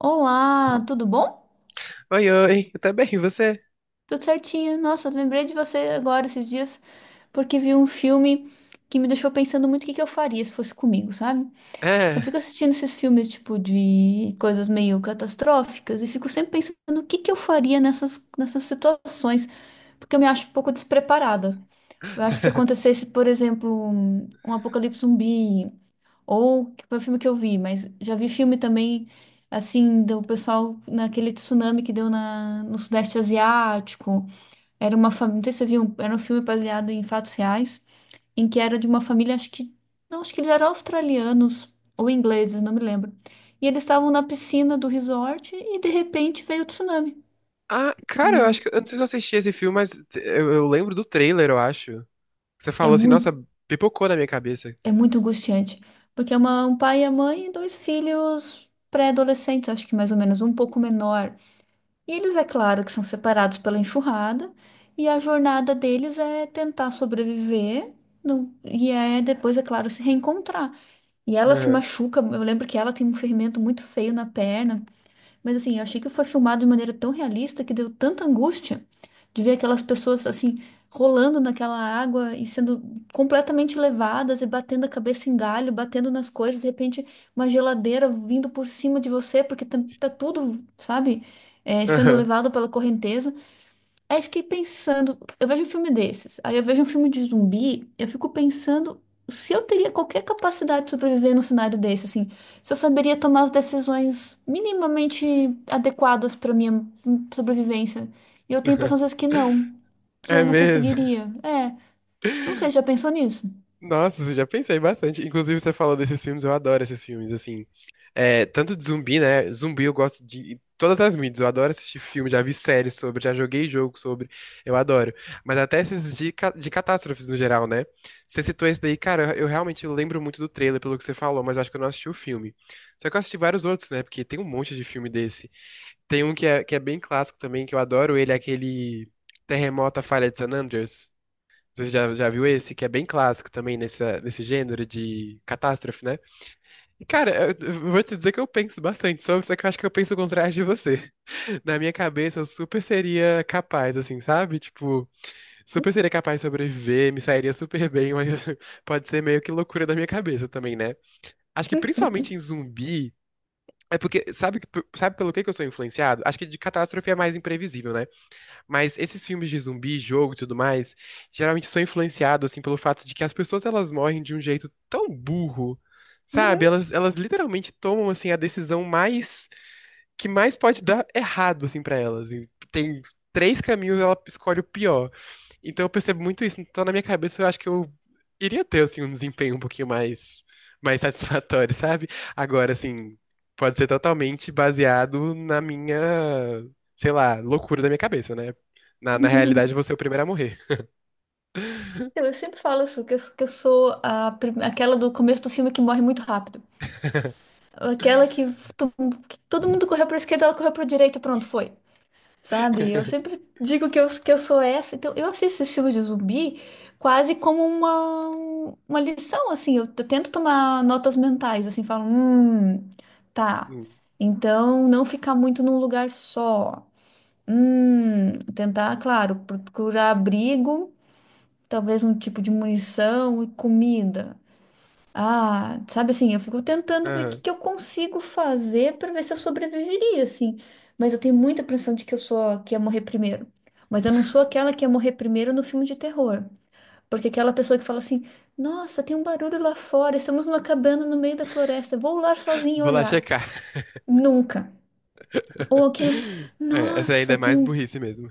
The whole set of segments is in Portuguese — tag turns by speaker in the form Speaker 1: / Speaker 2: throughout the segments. Speaker 1: Olá, tudo bom?
Speaker 2: Oi, eu tô bem, e você?
Speaker 1: Tudo certinho. Nossa, lembrei de você agora esses dias porque vi um filme que me deixou pensando muito o que que eu faria se fosse comigo, sabe? Eu
Speaker 2: É.
Speaker 1: fico assistindo esses filmes tipo de coisas meio catastróficas e fico sempre pensando o que que eu faria nessas situações, porque eu me acho um pouco despreparada. Eu acho que se acontecesse, por exemplo, um apocalipse zumbi ou que foi o filme que eu vi, mas já vi filme também, assim, do pessoal naquele tsunami que deu no Sudeste Asiático. Era uma família, não sei se você viu, era um filme baseado em fatos reais, em que era de uma família, acho que, não, acho que eles eram australianos ou ingleses, não me lembro. E eles estavam na piscina do resort e de repente veio o tsunami.
Speaker 2: Ah, cara, eu
Speaker 1: E
Speaker 2: acho que. Eu não sei se eu assisti esse filme, mas eu lembro do trailer, eu acho. Você
Speaker 1: é
Speaker 2: falou assim,
Speaker 1: muito,
Speaker 2: nossa, pipocou na minha cabeça.
Speaker 1: é muito angustiante, porque é um pai e a mãe e dois filhos pré-adolescentes, acho que mais ou menos, um pouco menor. E eles, é claro, que são separados pela enxurrada, e a jornada deles é tentar sobreviver, e é depois, é claro, se reencontrar. E ela se
Speaker 2: Aham,
Speaker 1: machuca, eu lembro que ela tem um ferimento muito feio na perna. Mas assim, eu achei que foi filmado de maneira tão realista que deu tanta angústia de ver aquelas pessoas assim rolando naquela água e sendo completamente levadas e batendo a cabeça em galho, batendo nas coisas, de repente uma geladeira vindo por cima de você porque tá tudo, sabe, é, sendo
Speaker 2: aham,
Speaker 1: levado pela correnteza. Aí fiquei pensando, eu vejo um filme desses, aí eu vejo um filme de zumbi, eu fico pensando se eu teria qualquer capacidade de sobreviver num cenário desse, assim, se eu saberia tomar as decisões minimamente adequadas para minha sobrevivência. E eu tenho a impressão
Speaker 2: aham.
Speaker 1: às vezes que não, que
Speaker 2: É
Speaker 1: eu não
Speaker 2: mesmo?
Speaker 1: conseguiria. É, não sei, já pensou nisso?
Speaker 2: Nossa, eu já pensei bastante. Inclusive, você falou desses filmes, eu adoro esses filmes, assim. É, tanto de zumbi, né? Zumbi eu gosto de todas as mídias. Eu adoro assistir filme, já vi séries sobre, já joguei jogo sobre. Eu adoro. Mas até esses de catástrofes no geral, né? Você citou esse daí, cara, eu realmente lembro muito do trailer, pelo que você falou, mas acho que eu não assisti o filme. Só que eu assisti vários outros, né? Porque tem um monte de filme desse. Tem um que é bem clássico também, que eu adoro ele, é aquele Terremoto, a Falha de San Andreas. Você já viu esse, que é bem clássico também nesse gênero de catástrofe, né? E, cara, eu vou te dizer que eu penso bastante sobre, só que eu acho que eu penso o contrário de você. Na minha cabeça, eu super seria capaz, assim, sabe? Tipo, super seria capaz de sobreviver, me sairia super bem, mas pode ser meio que loucura da minha cabeça também, né? Acho que principalmente em zumbi. É porque, sabe, sabe pelo que eu sou influenciado? Acho que de catástrofe é mais imprevisível, né? Mas esses filmes de zumbi, jogo e tudo mais, geralmente são influenciados assim pelo fato de que as pessoas elas morrem de um jeito tão burro, sabe? Elas literalmente tomam assim a decisão mais que mais pode dar errado assim para elas. E tem três caminhos, ela escolhe o pior. Então eu percebo muito isso. Então na minha cabeça eu acho que eu iria ter assim um desempenho um pouquinho mais satisfatório, sabe? Agora assim, pode ser totalmente baseado na minha, sei lá, loucura da minha cabeça, né? Na realidade eu vou ser o primeiro a morrer.
Speaker 1: Eu sempre falo isso, que eu sou aquela do começo do filme que morre muito rápido. Aquela que, to- que todo mundo correu pra esquerda, ela correu pra direita, pronto, foi. Sabe? Eu sempre digo que eu sou essa. Então, eu assisto esses filmes de zumbi quase como uma lição, assim. Eu tento tomar notas mentais, assim, falo, tá.
Speaker 2: Hum,
Speaker 1: Então, não ficar muito num lugar só. Tentar, claro, procurar abrigo, talvez um tipo de munição e comida. Ah, sabe assim, eu fico tentando ver o que
Speaker 2: aham.
Speaker 1: que eu consigo fazer para ver se eu sobreviveria, assim. Mas eu tenho muita impressão de que eu sou a que ia morrer primeiro. Mas eu não sou aquela que ia morrer primeiro no filme de terror. Porque aquela pessoa que fala assim: nossa, tem um barulho lá fora, estamos numa cabana no meio da floresta, vou lá sozinha
Speaker 2: Vou lá
Speaker 1: olhar.
Speaker 2: checar.
Speaker 1: Nunca. Ou aquela:
Speaker 2: É, essa ainda é
Speaker 1: Nossa, tem
Speaker 2: mais
Speaker 1: um
Speaker 2: burrice mesmo.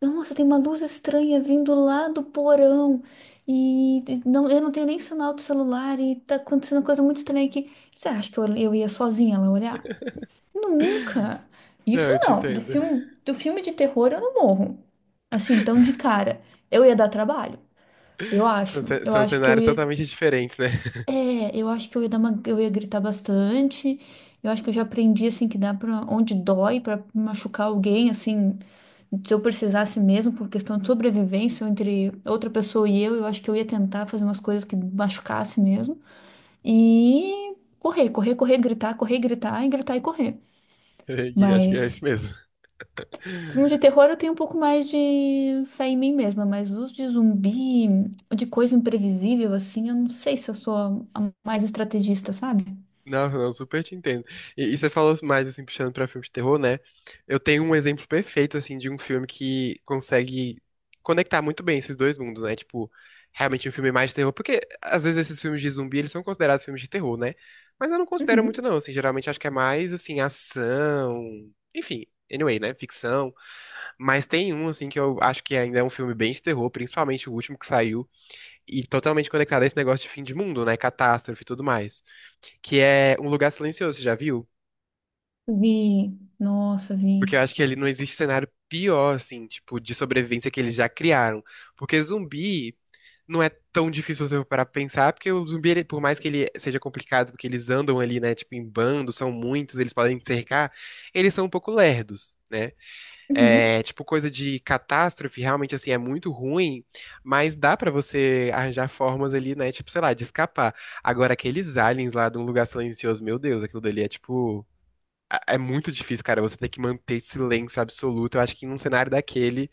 Speaker 1: nossa, tem uma luz estranha vindo lá do porão e não, eu não tenho nem sinal do celular e tá acontecendo uma coisa muito estranha aqui. Você acha que eu ia sozinha lá olhar? Nunca.
Speaker 2: Não,
Speaker 1: Isso
Speaker 2: eu te
Speaker 1: não.
Speaker 2: entendo.
Speaker 1: Do filme de terror eu não morro. Assim, tão de cara. Eu ia dar trabalho. Eu
Speaker 2: São,
Speaker 1: acho.
Speaker 2: ce-
Speaker 1: Eu
Speaker 2: são
Speaker 1: acho que eu
Speaker 2: cenários
Speaker 1: ia
Speaker 2: totalmente diferentes, né?
Speaker 1: é, eu acho que eu ia eu ia gritar bastante. Eu acho que eu já aprendi assim que dá para onde dói para machucar alguém, assim, se eu precisasse mesmo por questão de sobrevivência entre outra pessoa e eu acho que eu ia tentar fazer umas coisas que machucasse mesmo e correr, correr, correr, gritar e gritar e correr.
Speaker 2: E acho que é
Speaker 1: Mas
Speaker 2: isso mesmo.
Speaker 1: filme de terror eu tenho um pouco mais de fé em mim mesma, mas os de zumbi, de coisa imprevisível assim, eu não sei se eu sou a mais estrategista, sabe?
Speaker 2: Nossa, eu super te entendo. E você falou mais, assim, puxando pra filme de terror, né? Eu tenho um exemplo perfeito, assim, de um filme que consegue conectar muito bem esses dois mundos, né? Tipo, realmente um filme mais de terror, porque às vezes esses filmes de zumbi, eles são considerados filmes de terror, né? Mas eu não considero muito,
Speaker 1: Uhum.
Speaker 2: não, assim, geralmente acho que é mais, assim, ação, enfim, anyway, né? Ficção. Mas tem um, assim, que eu acho que ainda é um filme bem de terror, principalmente o último que saiu, e totalmente conectado a esse negócio de fim de mundo, né? Catástrofe e tudo mais que é Um Lugar Silencioso, já viu?
Speaker 1: Vi, nossa,
Speaker 2: Porque
Speaker 1: vi.
Speaker 2: eu acho que ali não existe cenário pior, assim, tipo, de sobrevivência que eles já criaram. Porque zumbi não é tão difícil você parar pra pensar, porque o zumbi, por mais que ele seja complicado, porque eles andam ali, né, tipo, em bando, são muitos, eles podem te cercar, eles são um pouco lerdos, né?
Speaker 1: Uhum.
Speaker 2: É, tipo, coisa de catástrofe, realmente, assim, é muito ruim, mas dá pra você arranjar formas ali, né, tipo, sei lá, de escapar. Agora, aqueles aliens lá de Um Lugar Silencioso, meu Deus, aquilo dali é, tipo... é muito difícil, cara. Você tem que manter silêncio absoluto. Eu acho que num cenário daquele,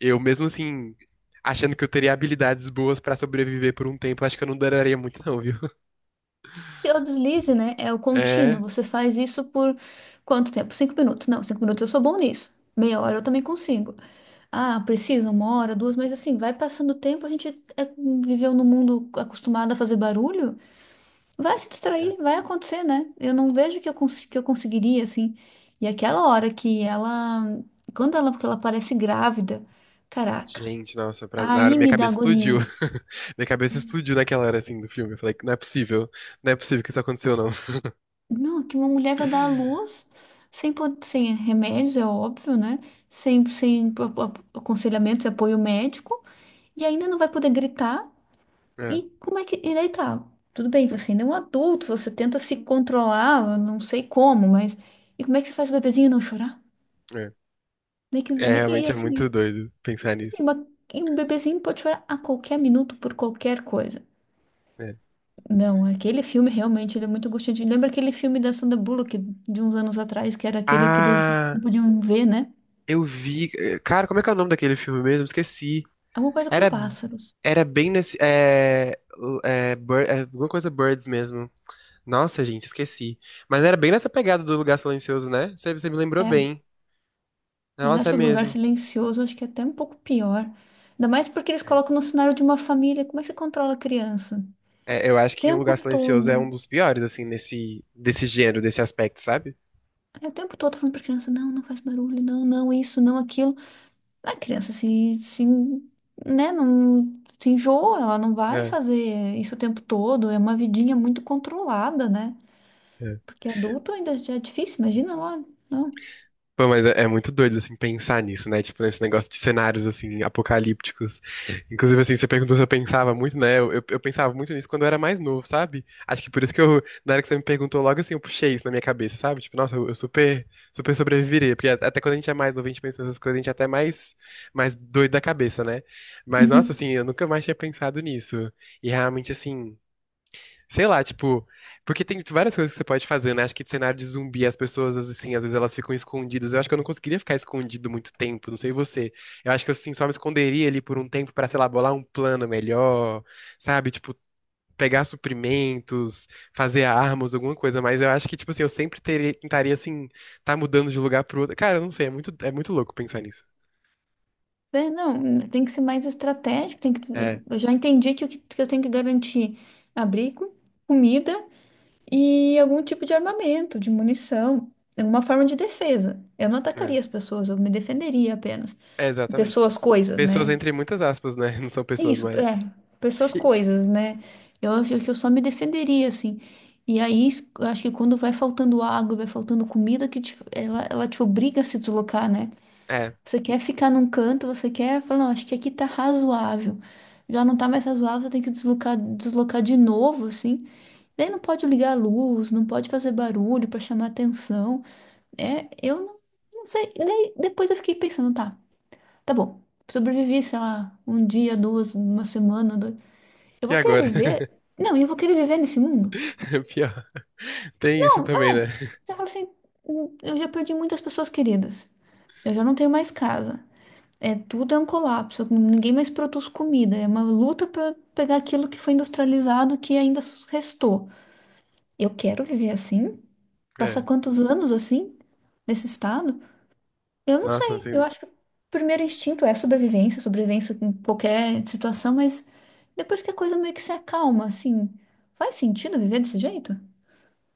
Speaker 2: eu mesmo assim, achando que eu teria habilidades boas pra sobreviver por um tempo, eu acho que eu não duraria muito, não, viu?
Speaker 1: E o deslize, né? É o contínuo.
Speaker 2: É.
Speaker 1: Você faz isso por quanto tempo? 5 minutos. Não, 5 minutos eu sou bom nisso. Meia hora eu também consigo. Ah, precisa uma hora, duas, mas assim, vai passando o tempo, a gente é- viveu num mundo acostumado a fazer barulho, vai se
Speaker 2: É.
Speaker 1: distrair, vai acontecer, né? Eu não vejo que eu conseguiria, assim. E aquela hora que ela parece grávida, caraca,
Speaker 2: Gente, nossa, pra... na hora
Speaker 1: aí
Speaker 2: minha
Speaker 1: me dá
Speaker 2: cabeça explodiu.
Speaker 1: agonia.
Speaker 2: Minha cabeça explodiu naquela hora assim do filme. Eu falei, não é possível. Não é possível que isso aconteceu, não.
Speaker 1: Não, que uma mulher vai dar à luz sem remédios, é óbvio, né? Sem aconselhamentos, apoio médico, e ainda não vai poder gritar.
Speaker 2: É,
Speaker 1: E como é que. E daí tá? Tudo bem, você ainda é um adulto, você tenta se controlar, eu não sei como, mas. E como é que você faz o bebezinho não chorar?
Speaker 2: é.
Speaker 1: Como é que,
Speaker 2: É,
Speaker 1: e
Speaker 2: realmente é
Speaker 1: assim,
Speaker 2: muito doido pensar nisso.
Speaker 1: e uma- e um bebezinho pode chorar a qualquer minuto por qualquer coisa.
Speaker 2: É.
Speaker 1: Não, aquele filme realmente ele é muito angustiante. Lembra aquele filme da Sandra Bullock de uns anos atrás, que era aquele que eles
Speaker 2: Ah,
Speaker 1: não podiam ver, né?
Speaker 2: eu vi. Cara, como é que é o nome daquele filme mesmo? Esqueci.
Speaker 1: Alguma coisa com
Speaker 2: Era,
Speaker 1: pássaros.
Speaker 2: era bem nesse. É, é, alguma coisa Birds mesmo. Nossa, gente, esqueci. Mas era bem nessa pegada do Lugar Silencioso, né? Você me lembrou
Speaker 1: Era.
Speaker 2: bem.
Speaker 1: Eles
Speaker 2: Nossa, é
Speaker 1: acham o lugar
Speaker 2: mesmo.
Speaker 1: silencioso, acho que é até um pouco pior. Ainda mais porque eles
Speaker 2: É.
Speaker 1: colocam no cenário de uma família. Como é que você controla a criança?
Speaker 2: É, eu
Speaker 1: O
Speaker 2: acho que Um
Speaker 1: tempo
Speaker 2: Lugar Silencioso é
Speaker 1: todo.
Speaker 2: um dos piores, assim, desse gênero, desse aspecto, sabe?
Speaker 1: É, o tempo todo falando pra criança, não, não faz barulho, não, não, isso, não, aquilo. A criança se, né, não se enjoa, ela não vai
Speaker 2: É,
Speaker 1: fazer isso o tempo todo. É uma vidinha muito controlada, né?
Speaker 2: é.
Speaker 1: Porque adulto ainda já é difícil, imagina lá. Não.
Speaker 2: Pô, mas é muito doido, assim, pensar nisso, né? Tipo, nesse negócio de cenários, assim, apocalípticos. Inclusive, assim, você perguntou se eu pensava muito, né? Eu pensava muito nisso quando eu era mais novo, sabe? Acho que por isso que eu, na hora que você me perguntou, logo assim, eu puxei isso na minha cabeça, sabe? Tipo, nossa, eu super, super sobreviveria. Porque até quando a gente é mais novo, a gente pensa nessas coisas, a gente é até mais doido da cabeça, né? Mas, nossa, assim, eu nunca mais tinha pensado nisso. E realmente, assim. Sei lá, tipo, porque tem várias coisas que você pode fazer, né? Acho que de cenário de zumbi, as pessoas, assim, às vezes elas ficam escondidas. Eu acho que eu não conseguiria ficar escondido muito tempo, não sei você. Eu acho que eu, assim, só me esconderia ali por um tempo pra, sei lá, bolar um plano melhor, sabe? Tipo, pegar suprimentos, fazer armas, alguma coisa. Mas eu acho que, tipo assim, eu sempre teria, tentaria, assim, tá mudando de lugar pro outro. Cara, eu não sei, é muito louco pensar nisso.
Speaker 1: É, não, tem que ser mais estratégico, tem que,
Speaker 2: É,
Speaker 1: eu já entendi que, o que, que eu tenho que garantir abrigo, comida e algum tipo de armamento, de munição, alguma forma de defesa. Eu não
Speaker 2: é,
Speaker 1: atacaria as pessoas, eu me defenderia apenas.
Speaker 2: é exatamente.
Speaker 1: Pessoas, coisas,
Speaker 2: Pessoas
Speaker 1: né?
Speaker 2: entre muitas aspas, né? Não são pessoas
Speaker 1: Isso,
Speaker 2: mais.
Speaker 1: é, pessoas,
Speaker 2: E-
Speaker 1: coisas, né? Eu acho que eu só me defenderia, assim. E aí, eu acho que quando vai faltando água, vai faltando comida, ela te obriga a se deslocar, né?
Speaker 2: é,
Speaker 1: Você quer ficar num canto, você quer falar, não, acho que aqui tá razoável. Já não tá mais razoável, você tem que deslocar, deslocar de novo, assim. Daí não pode ligar a luz, não pode fazer barulho pra chamar atenção. É, eu não, não sei. Daí depois eu fiquei pensando, tá, tá bom. Sobrevivi, sei lá, um dia, duas, uma semana, dois. Eu
Speaker 2: e
Speaker 1: vou querer
Speaker 2: agora?
Speaker 1: viver? Não, e eu vou querer viver nesse mundo?
Speaker 2: Pior. Tem isso
Speaker 1: Não,
Speaker 2: também,
Speaker 1: é.
Speaker 2: né?
Speaker 1: Você fala assim: eu já perdi muitas pessoas queridas. Eu já não tenho mais casa. É, tudo é um colapso. Ninguém mais produz comida. É uma luta para pegar aquilo que foi industrializado que ainda restou. Eu quero viver assim? Passar
Speaker 2: É.
Speaker 1: quantos anos assim? Nesse estado? Eu não
Speaker 2: Nossa,
Speaker 1: sei. Eu
Speaker 2: assim.
Speaker 1: acho que o primeiro instinto é sobrevivência, sobrevivência em qualquer situação, mas depois que a coisa meio que se acalma, assim, faz sentido viver desse jeito?"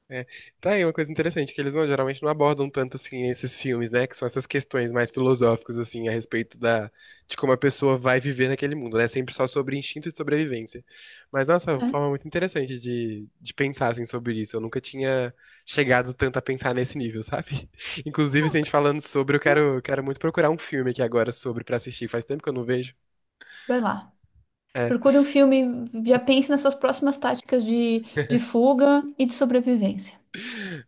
Speaker 2: É. Tá aí uma coisa interessante, que eles não, geralmente não abordam tanto assim esses filmes, né? Que são essas questões mais filosóficas, assim, a respeito de como a pessoa vai viver naquele mundo, né? É sempre só sobre instinto de sobrevivência. Mas, nossa, é uma
Speaker 1: É,
Speaker 2: forma muito interessante de pensar, assim, sobre isso. Eu nunca tinha chegado tanto a pensar nesse nível, sabe? Inclusive, se a gente falando sobre, eu
Speaker 1: é.
Speaker 2: quero, quero muito procurar um filme aqui agora sobre pra assistir. Faz tempo que eu não vejo.
Speaker 1: Vai lá.
Speaker 2: É,
Speaker 1: Procure um filme, já pense nas suas próximas táticas de fuga e de sobrevivência.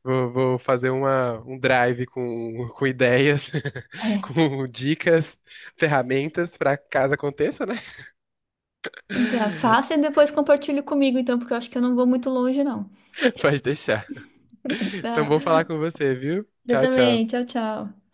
Speaker 2: vou fazer uma, um drive com ideias,
Speaker 1: É.
Speaker 2: com dicas, ferramentas para caso aconteça, né?
Speaker 1: Tá, faça e depois compartilhe comigo, então, porque eu acho que eu não vou muito longe, não.
Speaker 2: Pode deixar. Então,
Speaker 1: Tá.
Speaker 2: bom falar com você, viu?
Speaker 1: Eu
Speaker 2: Tchau,
Speaker 1: também.
Speaker 2: tchau.
Speaker 1: Tchau, tchau.